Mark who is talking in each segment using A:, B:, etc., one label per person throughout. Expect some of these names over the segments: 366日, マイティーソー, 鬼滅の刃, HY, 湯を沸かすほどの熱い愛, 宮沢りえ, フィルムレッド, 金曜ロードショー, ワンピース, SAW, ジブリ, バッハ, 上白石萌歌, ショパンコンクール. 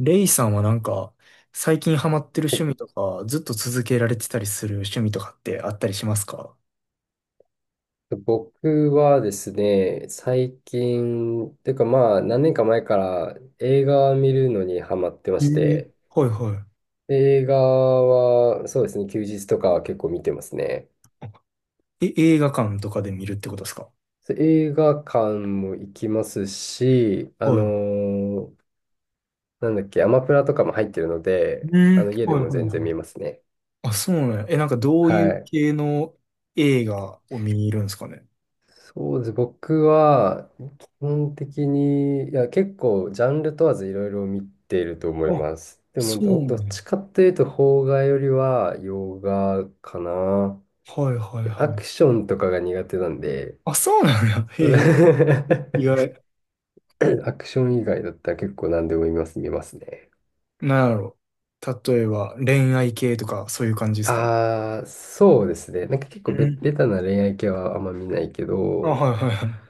A: レイさんはなんか、最近ハマってる
B: は
A: 趣
B: い。
A: 味とか、ずっと続けられてたりする趣味とかってあったりしますか？
B: 僕はですね、最近、というかまあ何年か前から映画を見るのにハマってま
A: え
B: し
A: え。
B: て、
A: はいは
B: 映画はそうですね、休日とかは結構見てますね。
A: い。え、映画館とかで見るってことですか？
B: そう、映画館も行きますし、
A: はい。
B: なんだっけ、アマプラとかも入ってるの
A: う
B: で、あ
A: ん、
B: の家で
A: はい
B: も
A: はい
B: 全
A: はい。
B: 然見ますね。
A: あ、そうねえ、なんかどうい
B: は
A: う
B: い。
A: 系の映画を見にいるんですかね？
B: そうですね。僕は、基本的に、いや、結構、ジャンル問わずいろいろ見ていると思い
A: あ、
B: ます。で
A: そ
B: もど、
A: う
B: どっ
A: ね。
B: ちかっていうと、邦画よりは洋画かな。
A: はいはい
B: ア
A: は
B: ク
A: い。
B: ションとかが苦手なんで、
A: あ、そうなんや。
B: そ
A: へえ、
B: れ
A: 意外。
B: アクション以外だったら結構何でも見ますね。
A: なんやろ。例えば、恋愛系とか、そういう感じですかね？
B: ああ、そうですね。なんか結
A: う
B: 構ベ、
A: ん。
B: ベタな恋愛系はあんま見ないけ
A: あ、
B: ど、
A: はいはいはい。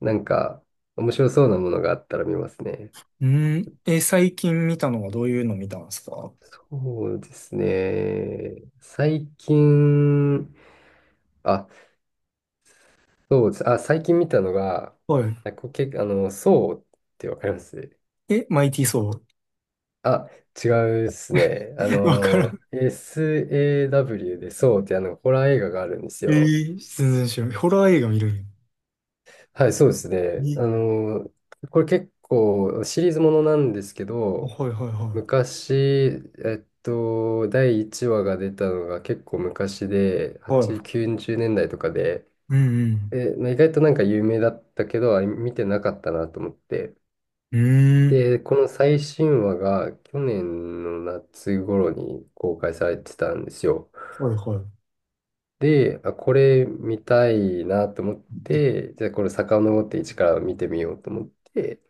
B: なんか、面白そうなものがあったら見ますね。
A: うん。え、最近見たのはどういうの見たんですか？
B: そうですね。最近、あ、そうです。あ、最近見たのが、
A: は
B: あ、そうってわかります？
A: い。え、マイティーソー。
B: あ、違うですね。あ
A: わから
B: の、
A: ん。
B: SAW でそうって、あの、ホラー映画があるんです
A: え
B: よ。
A: ー、全然知らない。ホラー映画見るんや。
B: はい、そうですね。
A: え、
B: これ結構シリーズものなんですけ
A: あ
B: ど、
A: はいはいは
B: 昔、第1話が出たのが結構昔で、
A: い。は
B: 8、
A: い。
B: 90年代とかで、
A: うん
B: で、まあ、意外となんか有名だったけど、あ、見てなかったなと思って。
A: うん。うーん。
B: で、この最新話が去年の夏頃に公開されてたんですよ。
A: はいはい。
B: で、あ、これ見たいなと思って、じゃあこれ遡って一から見てみようと思って、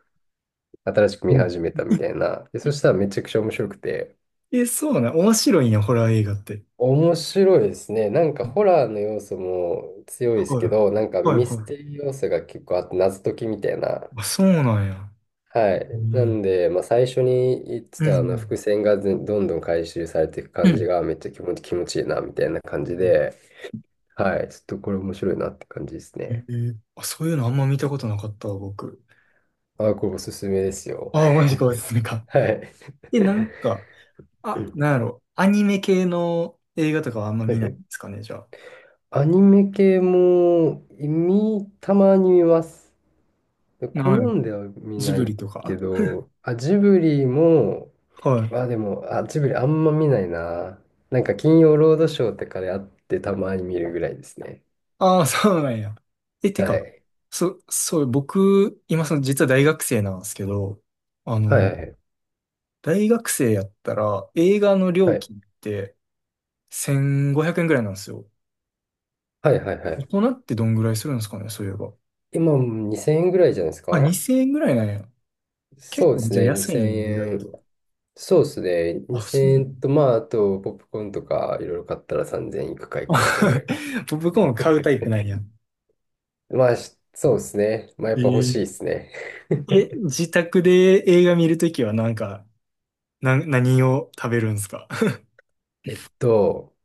B: 新しく
A: う
B: 見
A: ん。
B: 始めたみたいな。で、そしたらめちゃくちゃ面白くて。
A: え、そうなん。面白いんや、ホラー映画って。
B: 面白いですね。なんか
A: うん。
B: ホラーの要素も強いです
A: はい
B: けど、なんか
A: はい
B: ミス
A: は
B: テ
A: い。
B: リー要素が結構あって謎解きみたいな。
A: あ、そうなんや。
B: はい。
A: う
B: な
A: ん
B: んで、まあ、最初に言って
A: うんう
B: たあの伏
A: ん。
B: 線がずどんどん回収されていく
A: う
B: 感じ
A: ん。
B: がめっちゃ気持ちいいなみたいな感じで、はい。ちょっとこれ面白いなって感じです
A: え
B: ね。
A: ーあ、そういうのあんま見たことなかったわ、僕。
B: あ、これおすすめですよ。
A: あ、マジか、お すすめか。
B: はい。
A: え、なんか、
B: う
A: あ、
B: ん、
A: なんやろ。アニメ系の映画とかはあんま
B: は
A: 見
B: い
A: な
B: は
A: いん
B: い。
A: ですかね、じゃあ。
B: アニメ系もたまに見ます。好
A: ない。
B: んでは見
A: ジ
B: な
A: ブ
B: い
A: リと
B: け
A: か。
B: ど、あ、ジブリも、
A: はい。
B: あ、でも、あ、ジブリあんま見ないな。なんか金曜ロードショーとかであってたまに見るぐらいですね。
A: ああ、そうなんや。え、て
B: は
A: か、
B: い。
A: そう、僕、今その、実は大学生なんですけど、あ
B: はい
A: の、
B: はい
A: 大学生やったら、映画の料
B: はい。
A: 金って1500円ぐらいなんですよ。
B: はいはいはいは
A: 大
B: い。
A: 人ってどんぐらいするんですかね、そういえば。
B: 今、2000円ぐらいじゃないです
A: あ、
B: か？
A: 2000円ぐらいなんや。結
B: そうで
A: 構、
B: す
A: じゃあ
B: ね、
A: 安いん
B: 2000
A: や、意外
B: 円。
A: と。
B: そうですね、
A: あ、
B: 2000
A: そうなんや。
B: 円と、まあ、あと、ポップコーンとか、いろいろ買ったら3000円いくかいかないかぐ
A: あ
B: らいか。
A: 僕も買うタイプなんや。
B: まあ、しそうですね。まあ、やっぱ欲し
A: え
B: いで
A: え
B: すね。
A: え、自宅で映画見るときはなんか、何を食べるんですか？
B: えっと、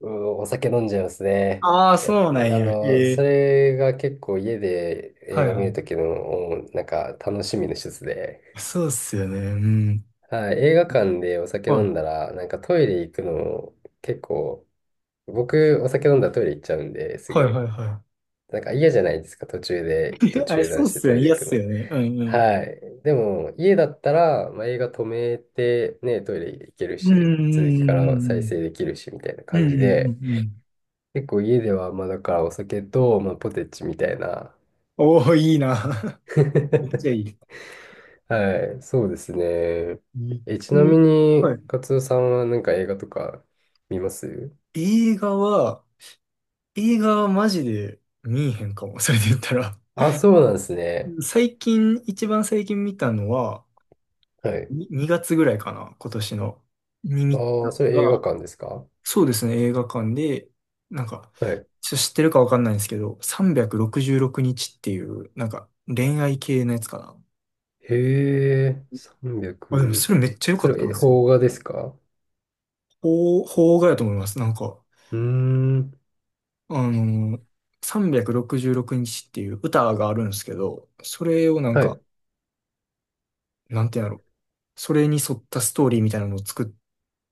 B: うん、お酒飲んじゃいます ね。
A: ああ、
B: やっぱ
A: そうなんや。え
B: そ
A: え。
B: れが結構家で
A: は
B: 映
A: い
B: 画
A: は
B: 見る
A: い。
B: ときの、なんか、楽しみの一つで。
A: そうっすよね。うん。
B: はい、映画館でお酒
A: は
B: 飲ん
A: い。
B: だら、なんかトイレ行くの、結構僕、お酒飲んだらトイレ行っちゃうんで、す
A: はい
B: ぐ。
A: はいは
B: なんか嫌じゃないですか、
A: い。え、
B: 途
A: あれ、
B: 中
A: そ
B: 断
A: うっ
B: して
A: すよ
B: ト
A: ね。
B: イレ
A: 嫌
B: 行
A: っ
B: く
A: す
B: の。
A: よね。うんうん。
B: はい。でも、家だったら、まあ、映画止めて、ね、トイレ行ける
A: う
B: し、続きから再
A: ん
B: 生できるし、みたいな
A: うんうんうん。う
B: 感じ
A: んうん
B: で、
A: うんうん。
B: 結構家では、まあ、だからお酒と、まあ、ポテチみたいな。
A: おお、いいな。めっちゃ いい。
B: はい、そうですね。
A: うん。
B: え、ちな
A: え。
B: みに、
A: はい。
B: カツオさんはなんか映画とか見ます？
A: 映画は、映画はマジで見えへんかも。それで言ったら。
B: あ、そうなんですね。
A: 最近、一番最近見たのは、
B: はい。
A: に2月ぐらいかな、今年の。に見た
B: ああ、それ映
A: の
B: 画
A: が、
B: 館ですか？は
A: そうですね、映画館で、なんか、
B: い。
A: ちょっと知ってるかわかんないんですけど、366日っていう、なんか、恋愛系のやつかな。
B: へえ、3
A: あ、でも
B: 0、
A: それめっちゃ良
B: そ
A: か
B: れ
A: っ
B: は、
A: た
B: え、
A: んですよ。
B: 邦画ですか？
A: 邦画やと思います。なんか、
B: うーん。
A: あのー、366日っていう歌があるんですけど、それをなん
B: は
A: か、
B: い。
A: なんていうんだろう。それに沿ったストーリーみたいなのを作っ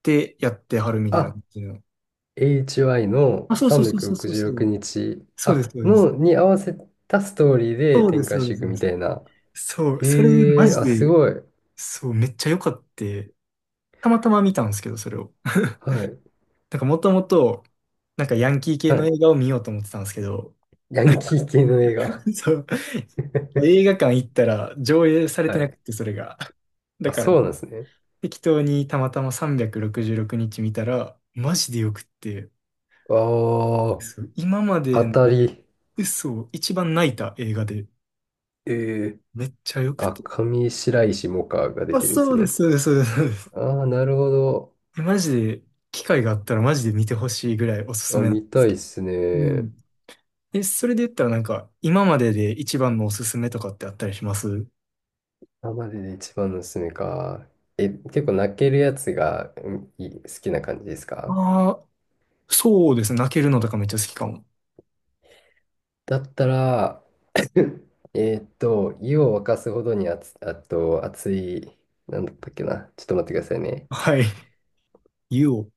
A: てやってはるみたいな
B: あ、
A: 感じの。
B: HY の
A: あ、そうそうそうそう
B: 366
A: そうそう。
B: 日、
A: そうです、
B: あ、
A: そうです。
B: の、に合わせたストーリーで
A: そうで
B: 展
A: す、
B: 開
A: そう
B: し
A: で
B: て
A: す、
B: いく
A: そうで
B: みた
A: す。
B: いな。
A: そう、それ
B: へ
A: マ
B: え、
A: ジ
B: あ、す
A: で、
B: ごい。
A: そう、めっちゃ良かって、たまたま見たんですけど、それを。
B: はい。
A: なんかもともと、なんかヤンキー系
B: は
A: の
B: い。
A: 映画を見ようと思ってたんですけど、
B: ヤンキー系の映画。
A: そう、映画館行ったら上映され
B: は
A: てな
B: い。
A: くて、それが。だ
B: あ、
A: から、
B: そうなんですね。
A: 適当にたまたま366日見たら、マジでよくって、
B: あ
A: そう、今ま
B: あ、当
A: での
B: たり。
A: 嘘、一番泣いた映画で、
B: ええ。
A: めっちゃよく
B: あ、
A: て。
B: 上白石萌歌が出
A: あ、
B: てるんで
A: そ
B: す
A: うです、
B: ね。
A: そうです、そうです。
B: ああ、なるほど。
A: えマジで、機会があったらマジで見てほしいぐらいおすす
B: あ、
A: めなんで
B: 見
A: す
B: たいっ
A: けど。
B: す
A: う
B: ね。
A: ん。え、それで言ったらなんか、今までで一番のおすすめとかってあったりします
B: 今までで一番のおすすめか。え、結構泣けるやつが、うん、いい、好きな感じですか？
A: ああー、そうですね。泣けるのとかめっちゃ好きかも。
B: だったら、湯を沸かすほどに熱、あと熱い、なんだったっけな。ちょっと待ってくださいね。
A: はい。ユオ。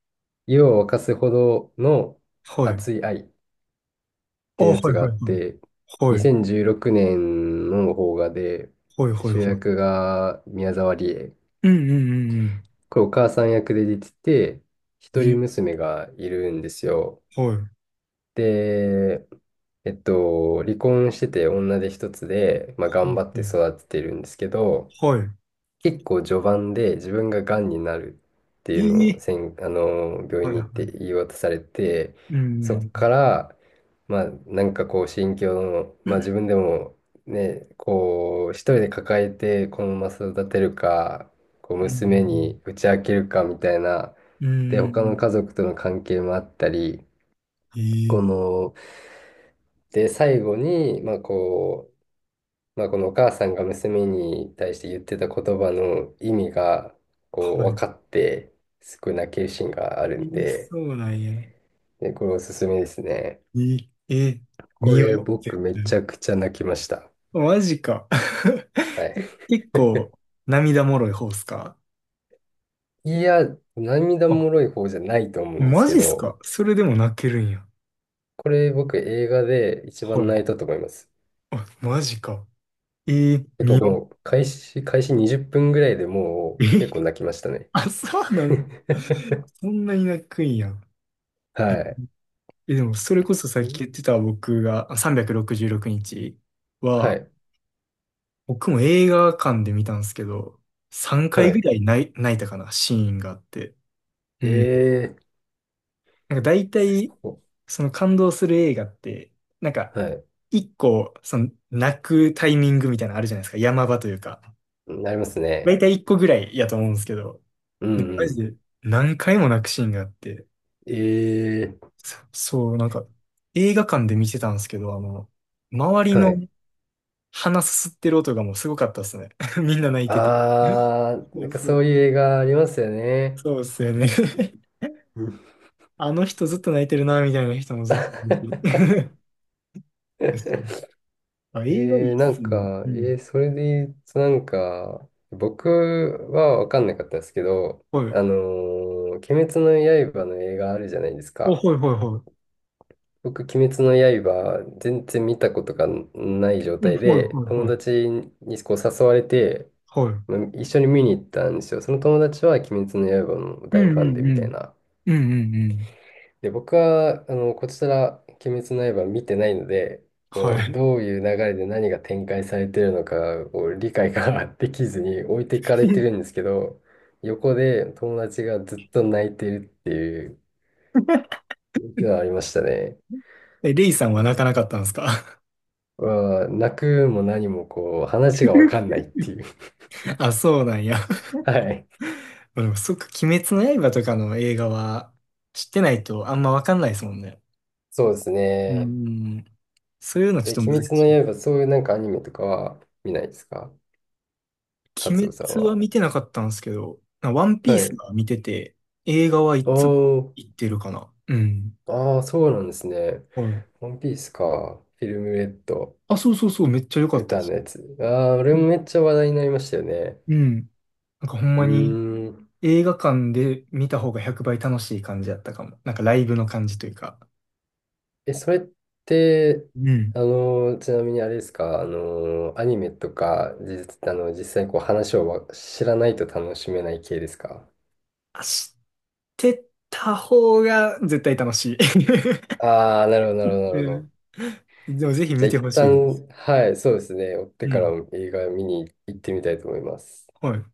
B: 湯を沸かすほどの
A: はい。
B: 熱い愛っ
A: あ、
B: て
A: は
B: や
A: い
B: つがあ
A: はい
B: っ
A: はい。
B: て、
A: はい。
B: 2016年の邦画で、
A: はいはい
B: 主
A: はい。
B: 役が宮沢りえ。
A: うんうんうん
B: これお母さん役で出てて、
A: う
B: 一人
A: ん。え、
B: 娘がいるんですよ。
A: はい。は
B: で、離婚してて女手一つで、まあ、
A: い
B: 頑張って
A: は
B: 育ててるんですけど、
A: い。は
B: 結構序盤で自分ががんになるっていうのを
A: い。ええ。
B: せん、あの、病
A: は
B: 院
A: い
B: に
A: は
B: 行って
A: い。
B: 言い渡されて、
A: うん
B: そっ
A: う
B: か
A: ん
B: ら、まあ、なんかこう、心境の、
A: う
B: まあ、
A: ん。
B: 自分でもね、こう、一人で抱えてこのまま育てるか、こう、
A: う
B: 娘
A: ん
B: に打ち明けるかみたいな、
A: うんう
B: で、
A: ん。う
B: 他
A: んう
B: の家
A: ん
B: 族との関係もあったり、
A: うんえ
B: こ
A: え。
B: の、で、最後に、まあこう、まあ、このお母さんが娘に対して言ってた言葉の意味が、こう、
A: は
B: 分
A: い。
B: かって、すごい泣けるシーンがある
A: え
B: ん
A: え。
B: で、
A: そうなんや。
B: で、これおすすめですね。
A: い、え、
B: こ
A: 見
B: れ
A: よう、
B: 僕
A: 絶
B: め
A: 対。
B: ちゃくちゃ泣きました。
A: マジか。
B: はい。
A: 結 構、涙もろい方っすか？
B: いや、涙
A: あ、
B: もろい方じゃないと思うんです
A: マ
B: け
A: ジっす
B: ど、
A: かそれでも泣けるんや。
B: これ僕映画で一
A: は
B: 番
A: い。
B: 泣いたと思います。
A: あ、マジか。え
B: 結
A: 見
B: 構こ
A: よ
B: の開始20分ぐらいでも
A: う。
B: う結
A: え、
B: 構泣きましたね。
A: あ、そうなん、そんなに泣くんや。え、
B: は
A: でも、それこそさっき言っ
B: い。
A: てた僕が、あ366日
B: は
A: は、
B: い。
A: 僕も映画館で見たんですけど、3
B: は
A: 回ぐ
B: い。
A: らい泣いたかな、シーンがあって。うん。
B: ええ、
A: なんか大
B: す
A: 体、
B: ごい。
A: その感動する映画って、なんか、
B: はい。
A: 一個、その、泣くタイミングみたいなのあるじゃないですか。山場というか。
B: なります
A: 大
B: ね。
A: 体一個ぐらいやと思うんですけど、
B: う
A: なん
B: ん
A: かマ
B: う
A: ジ
B: ん。
A: で何回も泣くシーンがあって、
B: ええ、
A: そう、なんか、映画館で見てたんですけど、あの、周り
B: は
A: の
B: い。
A: 鼻すすってる音がもうすごかったですね。みんな泣いてて。
B: あー、
A: そ
B: なん
A: う
B: か
A: そ
B: そ
A: う、
B: ういう映画ありますよね。
A: そうですよね。
B: うん。
A: あの人ずっと泣いてるな、みたいな人もずっといる し そう。あ、映画いいっ
B: な
A: す
B: ん
A: ね。
B: か、
A: うん。
B: それで言うとなんか、僕はわかんなかったですけど、
A: はい。
B: あの鬼滅の刃の映画あるじゃないです
A: あ、は
B: か。
A: いはいはい。
B: 僕、鬼滅の刃、全然見たことがない状
A: うん。はい
B: 態で、
A: はい
B: 友
A: はい。
B: 達にこう誘われて、
A: はい。
B: まあ一緒に見に行ったんですよ。その友達は鬼滅の刃の
A: う
B: 大
A: んう
B: ファンで
A: ん
B: み
A: う
B: たい
A: ん。
B: な。
A: うんうんうん。
B: で、僕は、あの、こちら、鬼滅の刃見てないので、
A: は
B: こう、
A: い。
B: どういう流れで何が展開されてるのか、こう、理解が できずに置いていかれてるんで すけど、横で友達がずっと泣いてるっていうのがありましたね。
A: え、レイさんは泣かなかったんですか？
B: わあ、泣くも何もこう、話がわかんな いっていう。
A: あ、そうなんや。
B: はい。
A: でもそっか、鬼滅の刃とかの映画は知ってないとあんまわかんないですもんね。
B: そうです
A: う
B: ね。
A: ん。そういうのち
B: え、
A: ょ
B: 鬼
A: っと難
B: 滅
A: しい。
B: の刃、そういうなんかアニメとかは見ないですか、カツ
A: 鬼
B: オさん
A: 滅は
B: は？
A: 見てなかったんですけど、なワンピー
B: は
A: ス
B: い。
A: は見てて、映画はいつ
B: おー、
A: 行ってるかな。うん。
B: ああ、そうなんですね。
A: はい。
B: ワンピースか。フィルムレッド、
A: あ、そうそうそう、めっちゃ良かったで
B: 歌
A: す。
B: のやつ。ああ、俺
A: う
B: も
A: ん。
B: めっちゃ話題になりましたよね。
A: うん。なんかほん
B: う
A: まに
B: ーん。
A: 映画館で見た方が100倍楽しい感じだったかも。なんかライブの感じというか。
B: え、それって、
A: うん。
B: ちなみにあれですか、アニメとか、実、あの、実際こう話を知らないと楽しめない系ですか？
A: あ、知ってた方が絶対楽しい。
B: ああ、なるほど、なるほ ど、なるほ
A: う
B: ど。
A: ん。でもぜひ
B: じ
A: 見
B: ゃあ
A: て
B: 一
A: ほしいです。
B: 旦、はい、そうですね。追って
A: う
B: から
A: ん。
B: 映画見に行ってみたいと思います。
A: はい。